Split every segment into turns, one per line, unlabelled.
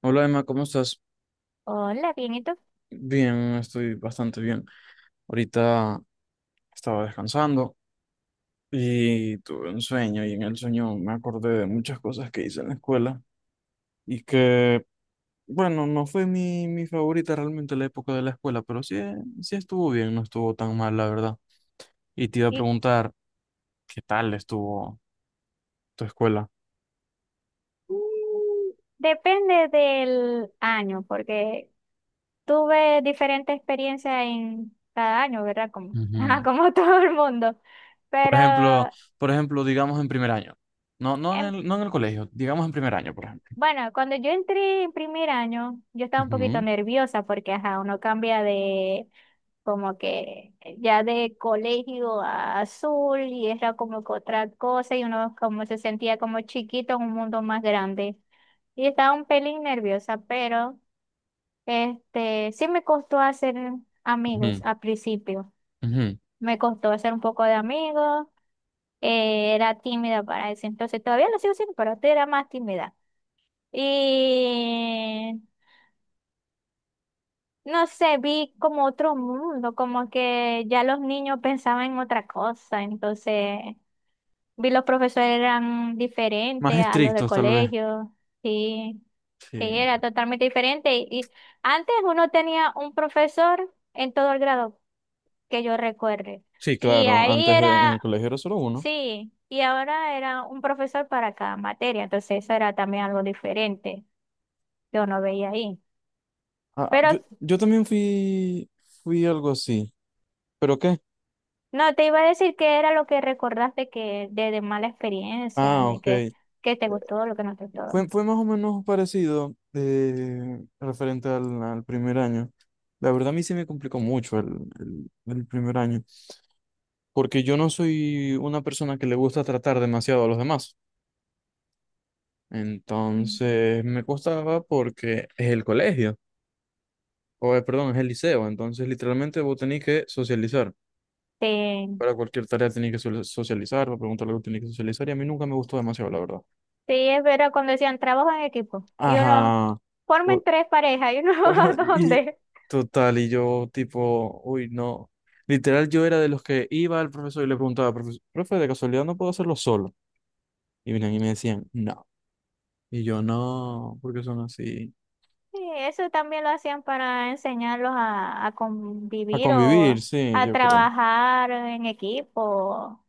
Hola Emma, ¿cómo estás?
Hola, bien, ¿y tú?
Bien, estoy bastante bien. Ahorita estaba descansando y tuve un sueño y en el sueño me acordé de muchas cosas que hice en la escuela y que, bueno, no fue mi favorita realmente la época de la escuela, pero sí, sí estuvo bien, no estuvo tan mal, la verdad. Y te iba a
Y,
preguntar, ¿qué tal estuvo tu escuela?
depende del año, porque tuve diferente experiencia en cada año, ¿verdad? Como, ajá,
Ujú.
como todo el mundo.
Por
Pero
ejemplo, por ejemplo, digamos en primer año. No, no en
em,
el, no en el colegio, digamos en primer año, por ejemplo.
Bueno, cuando yo entré en primer año, yo estaba un poquito
Ujú,
nerviosa porque, ajá, uno cambia de como que ya de colegio a azul y era como que otra cosa y uno como se sentía como chiquito en un mundo más grande. Y estaba un pelín nerviosa, pero este sí me costó hacer amigos
ujú,
al principio.
ujú.
Me costó hacer un poco de amigos. Era tímida para eso. Entonces todavía lo sigo siendo, pero antes era más tímida. Y no sé, vi como otro mundo, como que ya los niños pensaban en otra cosa, entonces vi los profesores eran
Más
diferentes a los de
estrictos, tal vez.
colegio, sí, sí,
Sí.
era totalmente diferente. Y antes uno tenía un profesor en todo el grado que yo recuerde,
Sí,
y
claro.
ahí
Antes en el
era,
colegio era solo uno.
sí, y ahora era un profesor para cada materia, entonces eso era también algo diferente, que uno veía ahí.
Ah,
Pero
yo también fui, fui algo así. ¿Pero qué?
No, te iba a decir que era lo que recordaste que de mala experiencia,
Ah,
de
ok.
que te gustó, lo que no te gustó.
Fue más o menos parecido referente al primer año. La verdad a mí se me complicó mucho el primer año, porque yo no soy una persona que le gusta tratar demasiado a los demás.
Mm.
Entonces me costaba porque es el colegio. O perdón, es el liceo, entonces literalmente vos tenés que socializar.
Sí,
Para cualquier tarea tenés que socializar, para preguntar algo tenés que socializar, y a mí nunca me gustó demasiado, la verdad.
sí, es verdad, cuando decían trabajo en equipo, y uno,
Ajá.
formen
Por...
tres parejas, y uno, ¿a
Y
dónde?
total, y yo tipo, uy, no. Literal, yo era de los que iba al profesor y le preguntaba, Profe, de casualidad no puedo hacerlo solo." Y venían y me decían, no. Y yo, no, porque son así.
Sí, eso también lo hacían para enseñarlos a
A
convivir
convivir,
o
sí,
a
yo creo.
trabajar en equipo.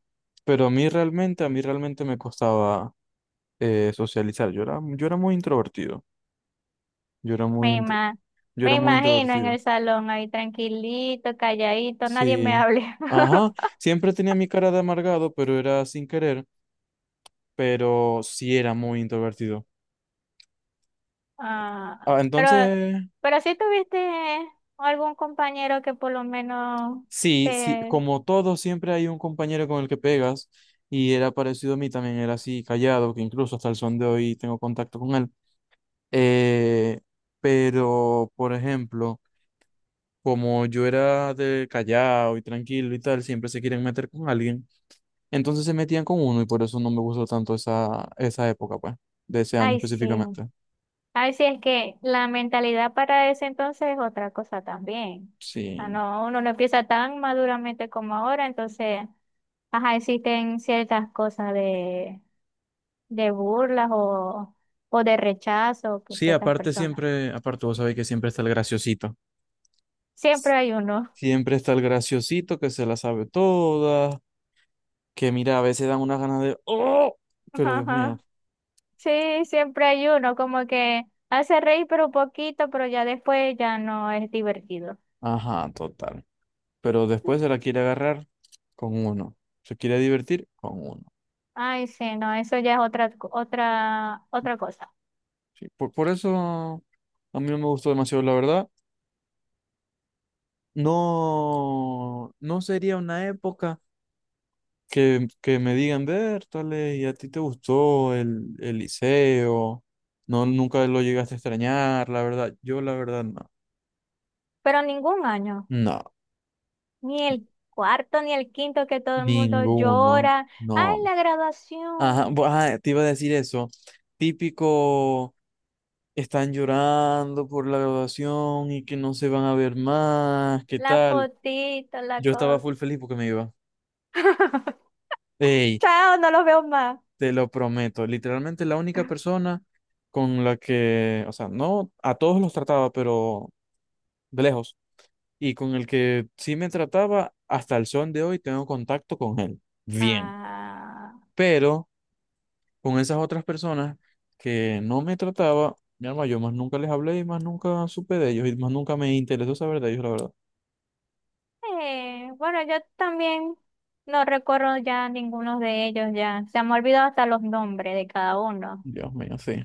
Pero a mí realmente me costaba socializar. Yo era muy introvertido. Yo era muy,
Me ima-
yo
Me
era muy
imagino en
introvertido.
el salón ahí tranquilito, calladito, nadie me
Sí.
hable.
Ajá. Siempre tenía mi cara de amargado, pero era sin querer. Pero sí era muy introvertido.
Ah,
Ah,
pero,
entonces,
pero si tuviste algún compañero que por lo menos
sí, sí,
te...
como todo, siempre hay un compañero con el que pegas. Y era parecido a mí también, era así callado, que incluso hasta el son de hoy tengo contacto con él. Eh, pero, por ejemplo, como yo era de callado y tranquilo y tal, siempre se quieren meter con alguien. Entonces se metían con uno y por eso no me gustó tanto esa época, pues, de ese año
Ay, sí.
específicamente.
Ay, sí, es que la mentalidad para ese entonces es otra cosa también. O sea,
Sí.
no, uno no empieza tan maduramente como ahora, entonces, ajá, existen ciertas cosas de burlas o de rechazo con
Sí,
ciertas
aparte
personas.
siempre, aparte vos sabés que siempre está el graciosito.
Siempre hay uno.
Siempre está el graciosito que se la sabe toda, que mira, a veces dan unas ganas de, ¡oh! Pero Dios mío.
Sí, siempre hay uno, como que hace reír pero un poquito, pero ya después ya no es divertido.
Ajá, total. Pero después se la quiere agarrar con uno. Se quiere divertir con uno.
Ay, sí, no, eso ya es otra cosa.
Sí, por eso a mí no me gustó demasiado, la verdad. No, no sería una época que me digan, Bertale, ¿y a ti te gustó el liceo? No, nunca lo llegaste a extrañar, la verdad. Yo, la verdad, no.
Pero ningún año,
No,
ni el cuarto ni el quinto que todo el mundo
ninguno,
llora. Ay,
no.
la
Ajá,
graduación,
ajá, te iba a decir eso. Típico, están llorando por la graduación y que no se van a ver más, ¿qué
la
tal?
fotito, la
Yo estaba
cosa.
full feliz porque me iba. Ey,
Chao, no los veo más.
te lo prometo, literalmente la única persona con la que, o sea, no a todos los trataba, pero de lejos, y con el que sí me trataba, hasta el son de hoy tengo contacto con él. Bien.
Ah.
Pero con esas otras personas que no me trataba, mi alma, yo más nunca les hablé y más nunca supe de ellos y más nunca me interesó saber de ellos, la verdad.
Bueno, yo también no recuerdo ya ninguno de ellos, ya se me ha olvidado hasta los nombres de cada uno.
Dios mío, sí.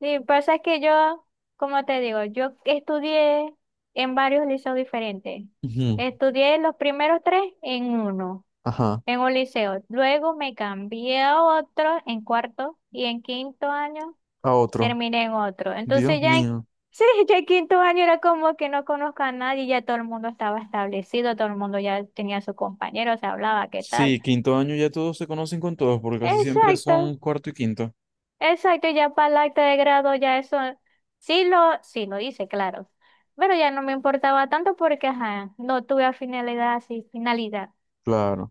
Sí, pasa es que yo, como te digo, yo estudié en varios liceos diferentes.
Ujú.
Estudié los primeros tres en uno,
Ajá,
en un liceo. Luego me cambié a otro en cuarto y en quinto año
a otro.
terminé en otro. Entonces
Dios
ya en,
mío.
sí, ya en quinto año era como que no conozco a nadie, ya todo el mundo estaba establecido, todo el mundo ya tenía a sus compañeros, se hablaba, ¿qué tal?
Sí, quinto año ya todos se conocen con todos, porque casi siempre
Exacto,
son cuarto y quinto.
exacto, ya para el acta de grado ya eso sí lo hice, claro. Pero ya no me importaba tanto porque ajá, no tuve finalidad, sí, finalidad
Claro.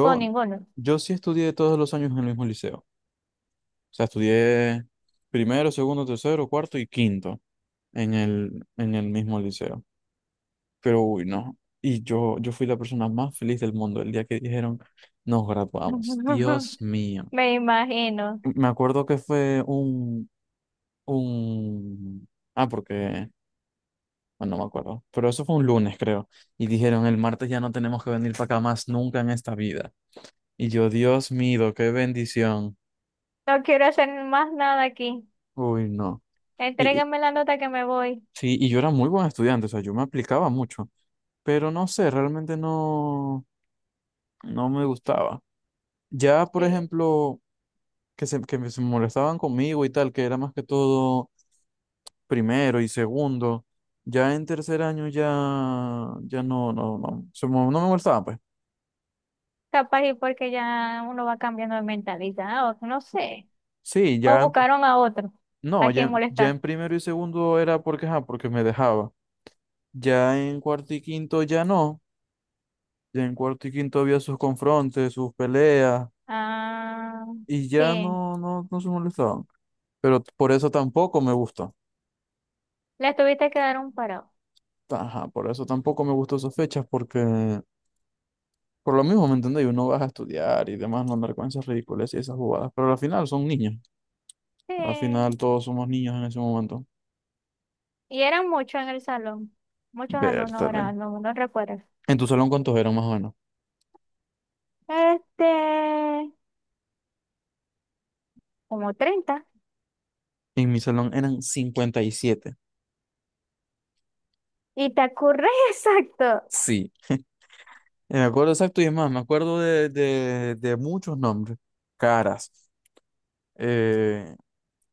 con ninguno.
yo sí estudié todos los años en el mismo liceo. O sea, estudié primero, segundo, tercero, cuarto y quinto en el mismo liceo. Pero uy, no. Y yo fui la persona más feliz del mundo el día que dijeron, nos graduamos. Dios mío.
Me imagino.
Me acuerdo que fue un. Ah, porque... Bueno, no me acuerdo. Pero eso fue un lunes, creo. Y dijeron, el martes ya no tenemos que venir para acá más nunca en esta vida. Y yo, Dios mío, qué bendición.
No quiero hacer más nada aquí.
Uy, no. Y
Entrégame la nota que me voy.
sí, y yo era muy buen estudiante, o sea, yo me aplicaba mucho, pero no sé, realmente no, no me gustaba. Ya, por
Sí.
ejemplo, que se molestaban conmigo y tal, que era más que todo primero y segundo, ya en tercer año ya, ya no, no, no, no me molestaban, pues.
Capaz y porque ya uno va cambiando de mentalidad, o no sé.
Sí,
O buscaron a otro,
no,
a quien
ya
molestar.
en primero y segundo era porque, ajá, porque me dejaba. Ya en cuarto y quinto ya no, ya en cuarto y quinto había sus confrontes, sus peleas
Ah,
y ya
sí.
no, no, no se molestaban. Pero por eso tampoco me gusta.
Les tuviste que dar un parado.
Ajá, por eso tampoco me gustó esas fechas, porque por lo mismo, ¿me entendéis? Uno vas a estudiar y demás, no andar con esas ridículas y esas jugadas. Pero al final son niños. Al final
Sí.
todos somos niños en ese momento.
Y eran muchos en el salón. Muchos alumnos
Vértale.
ahora, no, no recuerdo.
¿En tu salón cuántos eran más o menos?
Este, como 30.
En mi salón eran 57.
Y te acurres exacto.
Sí. Me acuerdo exacto y es más, me acuerdo de muchos nombres, caras. Eh,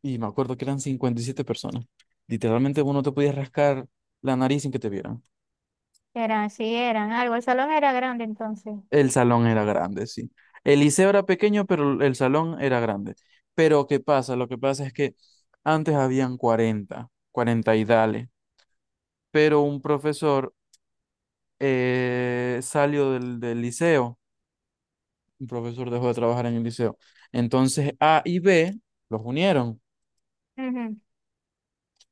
Y me acuerdo que eran 57 personas. Literalmente uno te podía rascar la nariz sin que te vieran.
Eran, sí, eran algo. El salón era grande entonces.
El salón era grande, sí. El liceo era pequeño, pero el salón era grande. Pero ¿qué pasa? Lo que pasa es que antes habían 40 40 y dale. Pero un profesor salió del liceo. Un profesor dejó de trabajar en el liceo. Entonces A y B los unieron.
Ujú.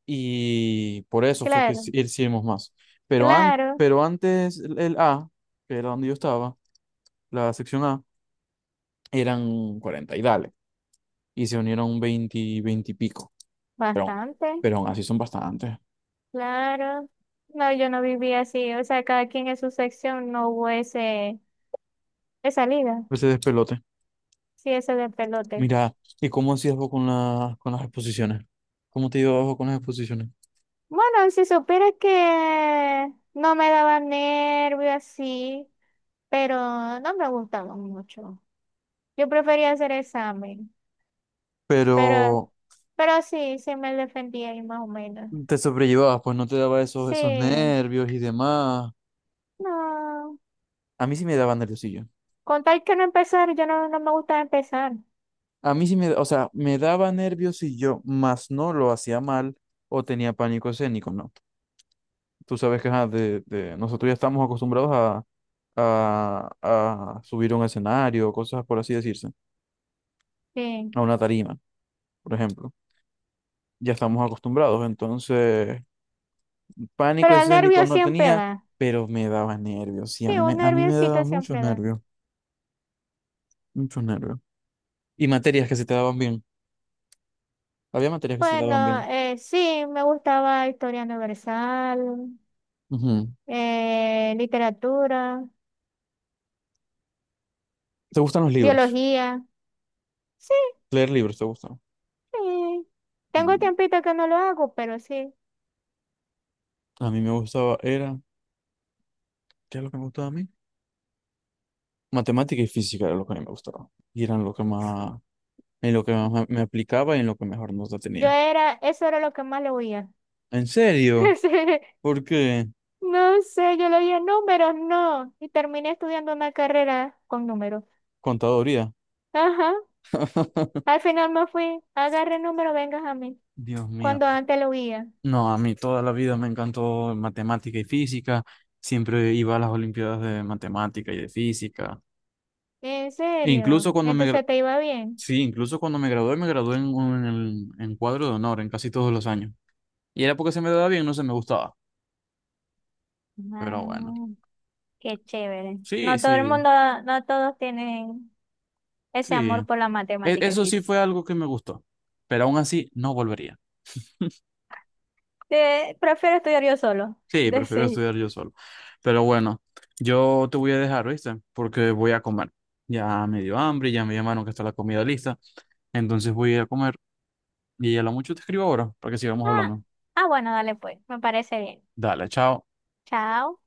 Y por eso fue que
Claro,
hicimos más. Pero,
claro,
pero antes el A, que era donde yo estaba, la sección A, eran 40 y dale, y se unieron 20 20 y pico, pero,
bastante.
pero aún así son bastantes.
Claro, no, yo no vivía así, o sea, cada quien en su sección no hubo ese, esa liga,
Ese despelote.
sí, ese de pelote.
Mira, ¿y cómo hacías vos con, la, con las exposiciones? ¿Cómo te llevabas vos con las exposiciones?
Bueno, si supieras que no me daba nervio así, pero no me gustaba mucho. Yo prefería hacer examen, pero,
Pero
pero sí, sí me defendía ahí más o menos.
te sobrellevabas, pues no te daba esos, esos
Sí,
nervios y demás.
no,
A mí sí me daba nerviosillo.
con tal que no empezar, yo no, no me gusta empezar,
A mí sí me, o sea, me daba nervios y yo más no lo hacía mal o tenía pánico escénico, ¿no? Tú sabes que ajá, de, nosotros ya estamos acostumbrados a, a subir a un escenario, cosas por así decirse,
sí,
a una tarima, por ejemplo. Ya estamos acostumbrados, entonces pánico
pero el
escénico
nervio
no
siempre
tenía,
da.
pero me daba nervios, sí, a
Sí,
mí me,
un
a mí me daba
nerviosito
muchos
siempre da.
nervios, muchos nervios. Y materias que se te daban bien, había materias que se te daban
Bueno,
bien.
sí, me gustaba historia universal,
Ujú.
literatura,
¿Te gustan los libros?
biología. Sí,
¿Leer libros te gustan?
sí. Tengo tiempito que no lo hago, pero sí.
A mí me gustaba, era, ¿qué es lo que me gustaba a mí? Matemática y física era lo que a mí me gustaba. Y eran lo que más, en lo que más me aplicaba y en lo que mejor nota
Yo
tenía.
era, eso era lo que más le oía.
¿En serio?
Sí,
¿Por qué?
no sé, yo le oía números, no. Y terminé estudiando una carrera con números.
Contaduría.
Ajá. Al final me fui, agarre el número, vengas a mí.
Dios mío.
Cuando antes lo oía.
No, a mí toda la vida me encantó matemática y física. Siempre iba a las olimpiadas de matemática y de física.
En
E
serio,
incluso cuando
entonces te iba bien.
sí, incluso cuando me gradué en cuadro de honor en casi todos los años. Y era porque se me daba bien, no se me gustaba. Pero bueno.
Ah, qué chévere.
Sí,
No todo el
sí,
mundo, no todos tienen ese
sí.
amor por la matemática y
Eso sí
física.
fue algo que me gustó, pero aún así no volvería.
Prefiero estudiar yo solo.
Sí, prefiero
Decir.
estudiar yo solo. Pero bueno, yo te voy a dejar, ¿viste? Porque voy a comer. Ya me dio hambre, ya me llamaron que está la comida lista. Entonces voy a ir a comer y a lo mucho te escribo ahora para que sigamos
Ah,
hablando.
ah, bueno, dale pues. Me parece bien.
Dale, chao.
Chao.